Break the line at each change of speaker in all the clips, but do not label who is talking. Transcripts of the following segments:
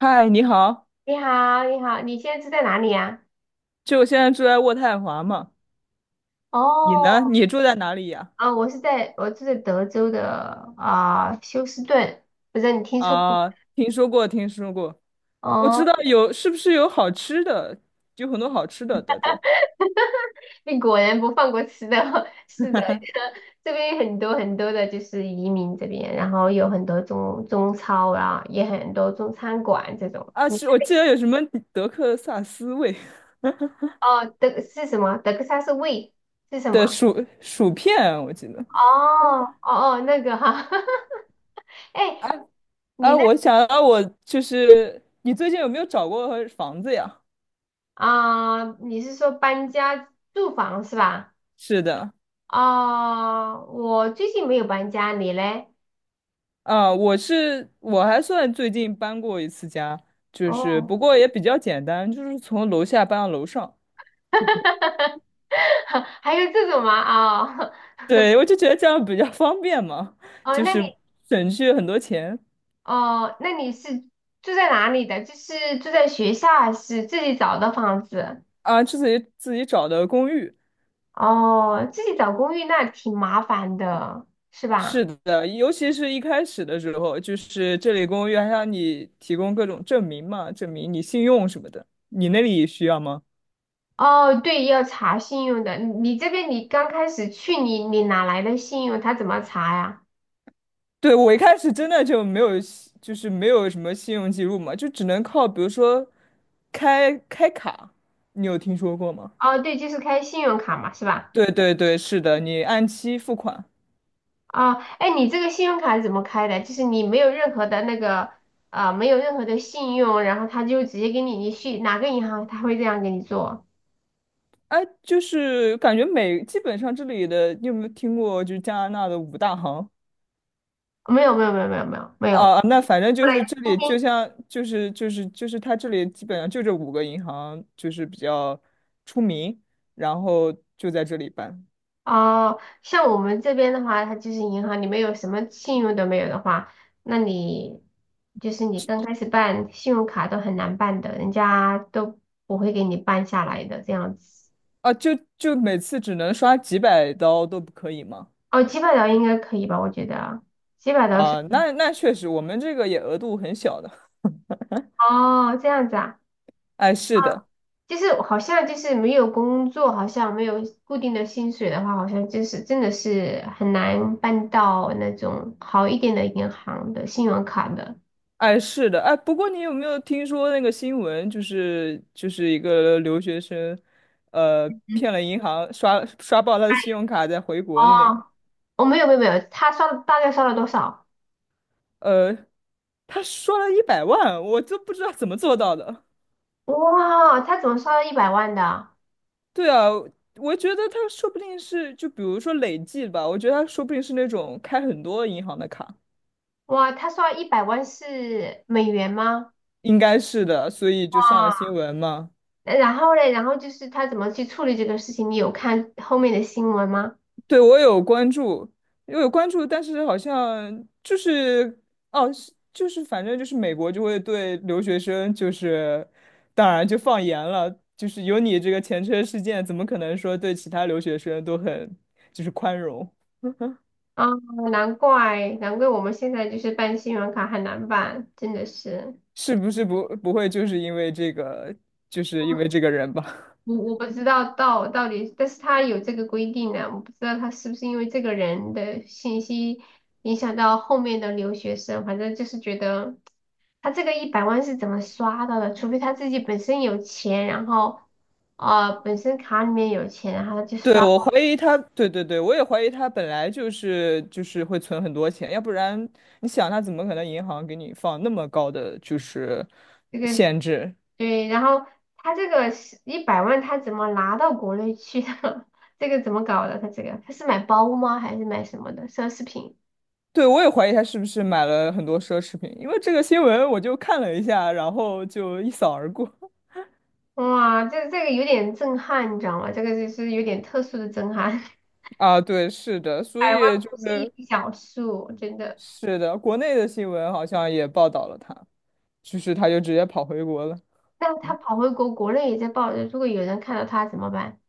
嗨，你好，
你好，你好，你现在住在哪里呀？
就我现在住在渥太华嘛，你呢？
哦，
你住在哪里呀？
啊？我住在德州的啊，休斯顿，不知道你听说过？
啊，听说过，听说过，我
哦，
知道有，是不是有好吃的？有很多好吃的德州
你果然不放过吃的，是的，这边有很多很多的就是移民这边，然后有很多中超啊，也很多中餐馆这种。
啊，
你
是我记得有什么德克萨斯味
哦，德是什么？德克萨斯味是 什
的
么？
薯片，我记得。
哦哦哦，那个哈，
哎、
哎，你
哎、
那
我想到我就是，你最近有没有找过房子呀？
啊，你是说搬家住房是吧？
是的，
哦，我最近没有搬家，你嘞？
啊，我还算最近搬过一次家，就是
哦，
不过也比较简单，就是从楼下搬到楼上。
还有这种吗？哦，
对，我就觉得这样比较方便嘛，
哦，
就
那你
是省去很多钱
哦，那你是住在哪里的？就是住在学校还是自己找的房子？
啊。自己找的公寓，
哦，自己找公寓那挺麻烦的，是吧？
是的，尤其是一开始的时候，就是这里公寓还让你提供各种证明嘛，证明你信用什么的。你那里需要吗？
哦，对，要查信用的。你这边你刚开始去，你哪来的信用？他怎么查呀？
对，我一开始真的就是没有什么信用记录嘛，就只能靠比如说开卡，你有听说过吗？
哦，对，就是开信用卡嘛，是吧？
对对对，是的，你按期付款。
啊，哎，你这个信用卡是怎么开的？就是你没有任何的那个，没有任何的信用，然后他就直接给你，你去哪个银行他会这样给你做？
哎，就是感觉基本上这里的，你有没有听过？就是加拿大的五大行
没有，没有，没有，没有，没有，没有。
啊，那反正
后
就是
来
这里，就像就是它这里基本上就这五个银行就是比较出名，然后就在这里办
哦，像我们这边的话，它就是银行，你没有什么信用都没有的话，那你就是你刚开始办信用卡都很难办的，人家都不会给你办下来的这样子。
啊，就每次只能刷几百刀都不可以吗？
哦，几百刀应该可以吧？我觉得几百刀是
啊，那确实，我们这个也额度很小的。
哦，这样子啊。
哎，是的。
就是好像就是没有工作，好像没有固定的薪水的话，好像就是真的是很难办到那种好一点的银行的信用卡的。
哎，是的，哎，不过你有没有听说那个新闻，就是一个留学生，骗了银行，刷爆他的信用卡再回国的那个，
哦，我、没有没有没有，他刷了大概刷了多少？
呃，他刷了100万，我都不知道怎么做到的。
哇，他怎么刷了一百万的？
对啊，我觉得他说不定是，就比如说累计吧，我觉得他说不定是那种开很多银行的卡，
哇，他刷一百万是美元吗？
应该是的，所以就上了新
哇，
闻嘛。
然后嘞，然后就是他怎么去处理这个事情？你有看后面的新闻吗？
对，我有关注，我有关注，但是好像就是哦，是就是反正就是美国就会对留学生就是当然就放严了，就是有你这个前车事件，怎么可能说对其他留学生都很就是宽容？
啊，难怪难怪我们现在就是办信用卡很难办，真的是。
是不是不会就是因为这个，就是因为这个人吧？
我不知道到底，但是他有这个规定呢，我不知道他是不是因为这个人的信息影响到后面的留学生，反正就是觉得他这个一百万是怎么刷到的，除非他自己本身有钱，然后本身卡里面有钱，然后他就
对，
刷
我怀疑他，对对对，我也怀疑他本来就是会存很多钱，要不然你想他怎么可能银行给你放那么高的就是
这个，
限制？
对，然后他这个一百万他怎么拿到国内去的？这个怎么搞的？他这个他是买包吗？还是买什么的奢侈品？
对，我也怀疑他是不是买了很多奢侈品，因为这个新闻我就看了一下，然后就一扫而过。
哇，这这个有点震撼，你知道吗？这个就是有点特殊的震撼。
啊，对，是的，所
百万
以就
不是一
是
笔小数，真的。
是的，国内的新闻好像也报道了他，就是他就直接跑回国了。
那他跑回国，国内也在报，如果有人看到他怎么办？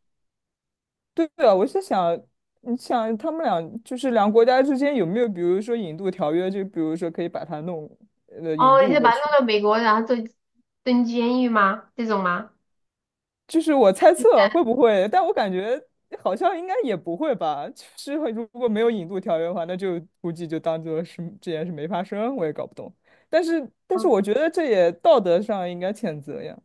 对啊，我是想，你想他们俩就是两个国家之间有没有，比如说引渡条约，就比如说可以把他弄，引
哦，你
渡
就
过
把他弄
去。
到美国，然后坐蹲监狱吗？这种吗？
就是我猜测会不会，但我感觉好像应该也不会吧。就是会如果没有引渡条约的话，那就估计就当做是这件事没发生，我也搞不懂。但是,
嗯，
我觉得这也道德上应该谴责呀。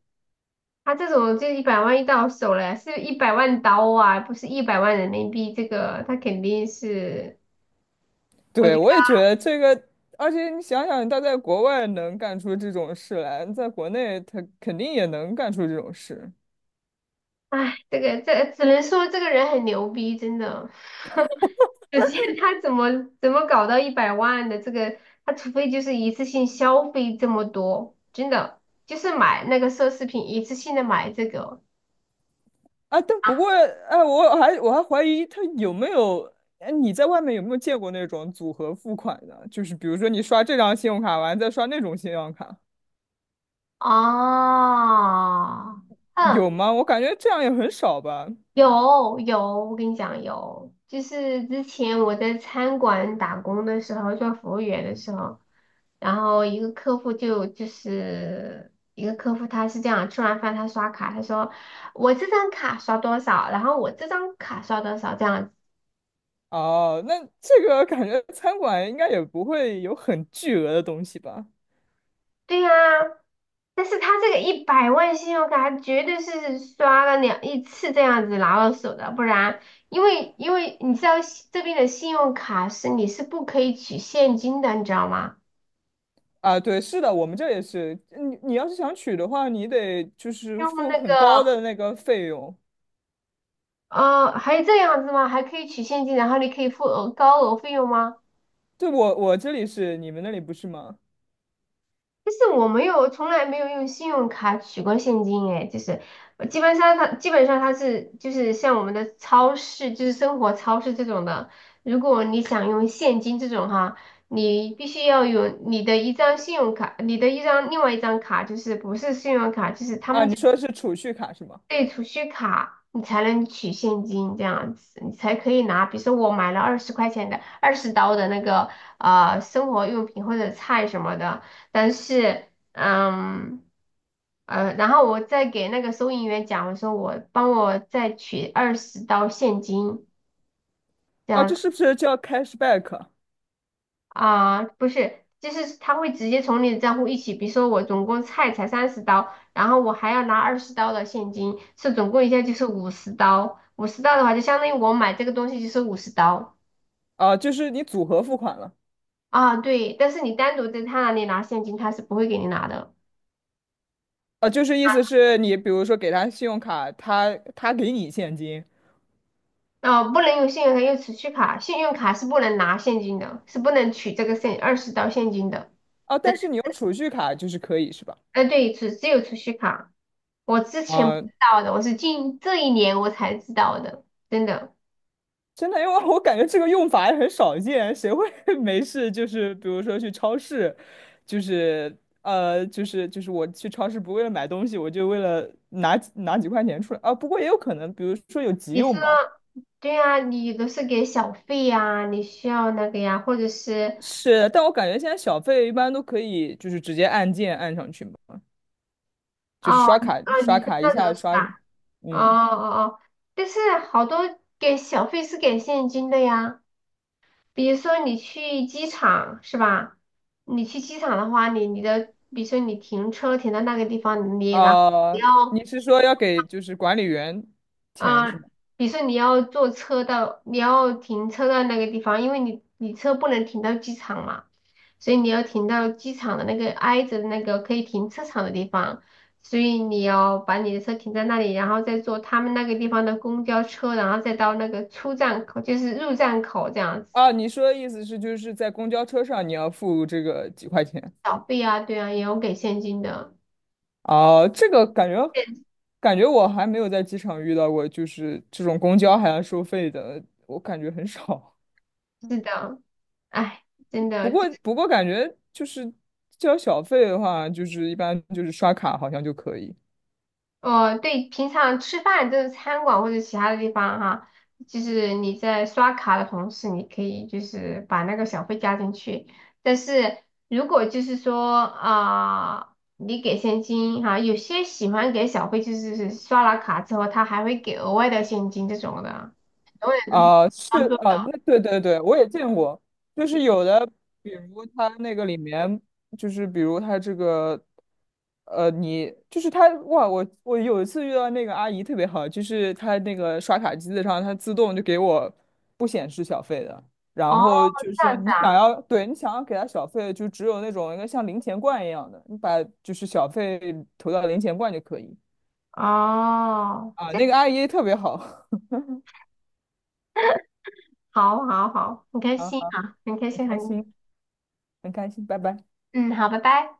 他这种就一百万一到手了，是一百万刀啊，不是一百万人民币。这个他肯定是，我觉
对，
得，
我也觉得这个，而且你想想，他在国外能干出这种事来，在国内他肯定也能干出这种事。
哎，这个这只能说这个人很牛逼，真的。首先，他怎么搞到一百万的这个，他除非就是一次性消费这么多，真的就是买那个奢侈品，一次性的买这个
啊，但不过，哎，我还怀疑他有没有，哎，你在外面有没有见过那种组合付款的？就是比如说你刷这张信用卡完再刷那种信用卡，
啊，嗯，
有吗？我感觉这样也很少吧。
有有，我跟你讲有，就是之前我在餐馆打工的时候，做服务员的时候，然后一个客户就是一个客户他是这样，吃完饭他刷卡，他说。我这张卡刷多少，然后我这张卡刷多少这样
哦，那这个感觉餐馆应该也不会有很巨额的东西吧？
对呀，但是他这个一百万信用卡绝对是刷了两一次这样子拿到手的，不然，因为你知道西这边的信用卡是你是不可以取现金的，你知道吗？
啊，对，是的，我们这也是，你要是想取的话，你得就是
用
付
那个
很高的那个费用。
还这样子吗？还可以取现金，然后你可以付额高额费用吗？
对，我这里是，你们那里不是吗？
就是我没有，从来没有用信用卡取过现金，哎，就是基本上它是就是像我们的超市，就是生活超市这种的，如果你想用现金这种哈，你必须要有你的一张信用卡，你的一张另外一张卡，就是不是信用卡，就是他
啊，
们。
你说的是储蓄卡是吗？
对，储蓄卡你才能取现金这样子，你才可以拿。比如说我买了20块钱的、二十刀的那个生活用品或者菜什么的，但是嗯然后我再给那个收银员讲，我说我帮我再取二十刀现金，
啊，这是不是叫 cashback
啊，不是，就是他会直接从你的账户一起，比如说我总共菜才30刀，然后我还要拿二十刀的现金，是总共一下就是五十刀。五十刀的话，就相当于我买这个东西就是五十刀
啊？就是你组合付款了
啊，对。但是你单独在他那里拿现金，他是不会给你拿的。
啊，就是意思是你比如说给他信用卡，他给你现金
哦，不能用信用卡，用储蓄卡，信用卡是不能拿现金的，是不能取这个现二十刀现金的。
啊，但是你用储蓄卡就是可以是吧？
哎，对，只有储蓄卡，我之前不
啊，
知道的，我是近这一年我才知道的，真的。
真的，因为我感觉这个用法也很少见，谁会 没事就是比如说去超市，就是我去超市不为了买东西，我就为了拿几块钱出来啊。不过也有可能，比如说有急
你说。
用吧。
对啊，你都是给小费呀，你需要那个呀，或者是
是，但我感觉现在小费一般都可以，就是直接按键按上去嘛。就是
哦
刷卡
哦，你
刷
是
卡一
那种
下
是
刷，
吧？哦
嗯
哦哦，但是好多给小费是给现金的呀，比如说你去机场是吧？你去机场的话，你你的比如说你停车停到那个地方，你然后
啊、
你要
你是说要给就是管理员钱
啊，
是吗？
比如说你要坐车到，你要停车到那个地方，因为你车不能停到机场嘛，所以你要停到机场的那个挨着的那个可以停车场的地方，所以你要把你的车停在那里，然后再坐他们那个地方的公交车，然后再到那个出站口，就是入站口这样子。
啊，你说的意思是就是在公交车上你要付这个几块钱？
小费啊，对啊，也有给现金的。
啊，这个感觉
现
感觉我还没有在机场遇到过，就是这种公交还要收费的，我感觉很少。
是的，哎，真
不
的。
过不过感觉就是交小费的话，就是一般就是刷卡好像就可以。
哦，对，平常吃饭就是餐馆或者其他的地方哈，就是你在刷卡的同时，你可以就是把那个小费加进去。但是如果就是说啊，你给现金哈，有些喜欢给小费，就是是刷了卡之后，他还会给额外的现金这种的。我也
啊、是
当做
啊、那
的。
对对对，我也见过，就是有的，比如他那个里面，就是比如他这个，呃，你就是他，哇，我有一次遇到那个阿姨特别好，就是她那个刷卡机子上，它自动就给我不显示小费的，然
哦，
后就
这
是
样子
你想要，对你想要给她小费，就只有那种一个像零钱罐一样的，你把就是小费投到零钱罐就可以
啊，哦，
啊，
这
那个阿姨特别好，
好好好，很开
好
心
好，
啊，很开
很
心和
开
你，
心，很开心，拜拜。
嗯，好，拜拜。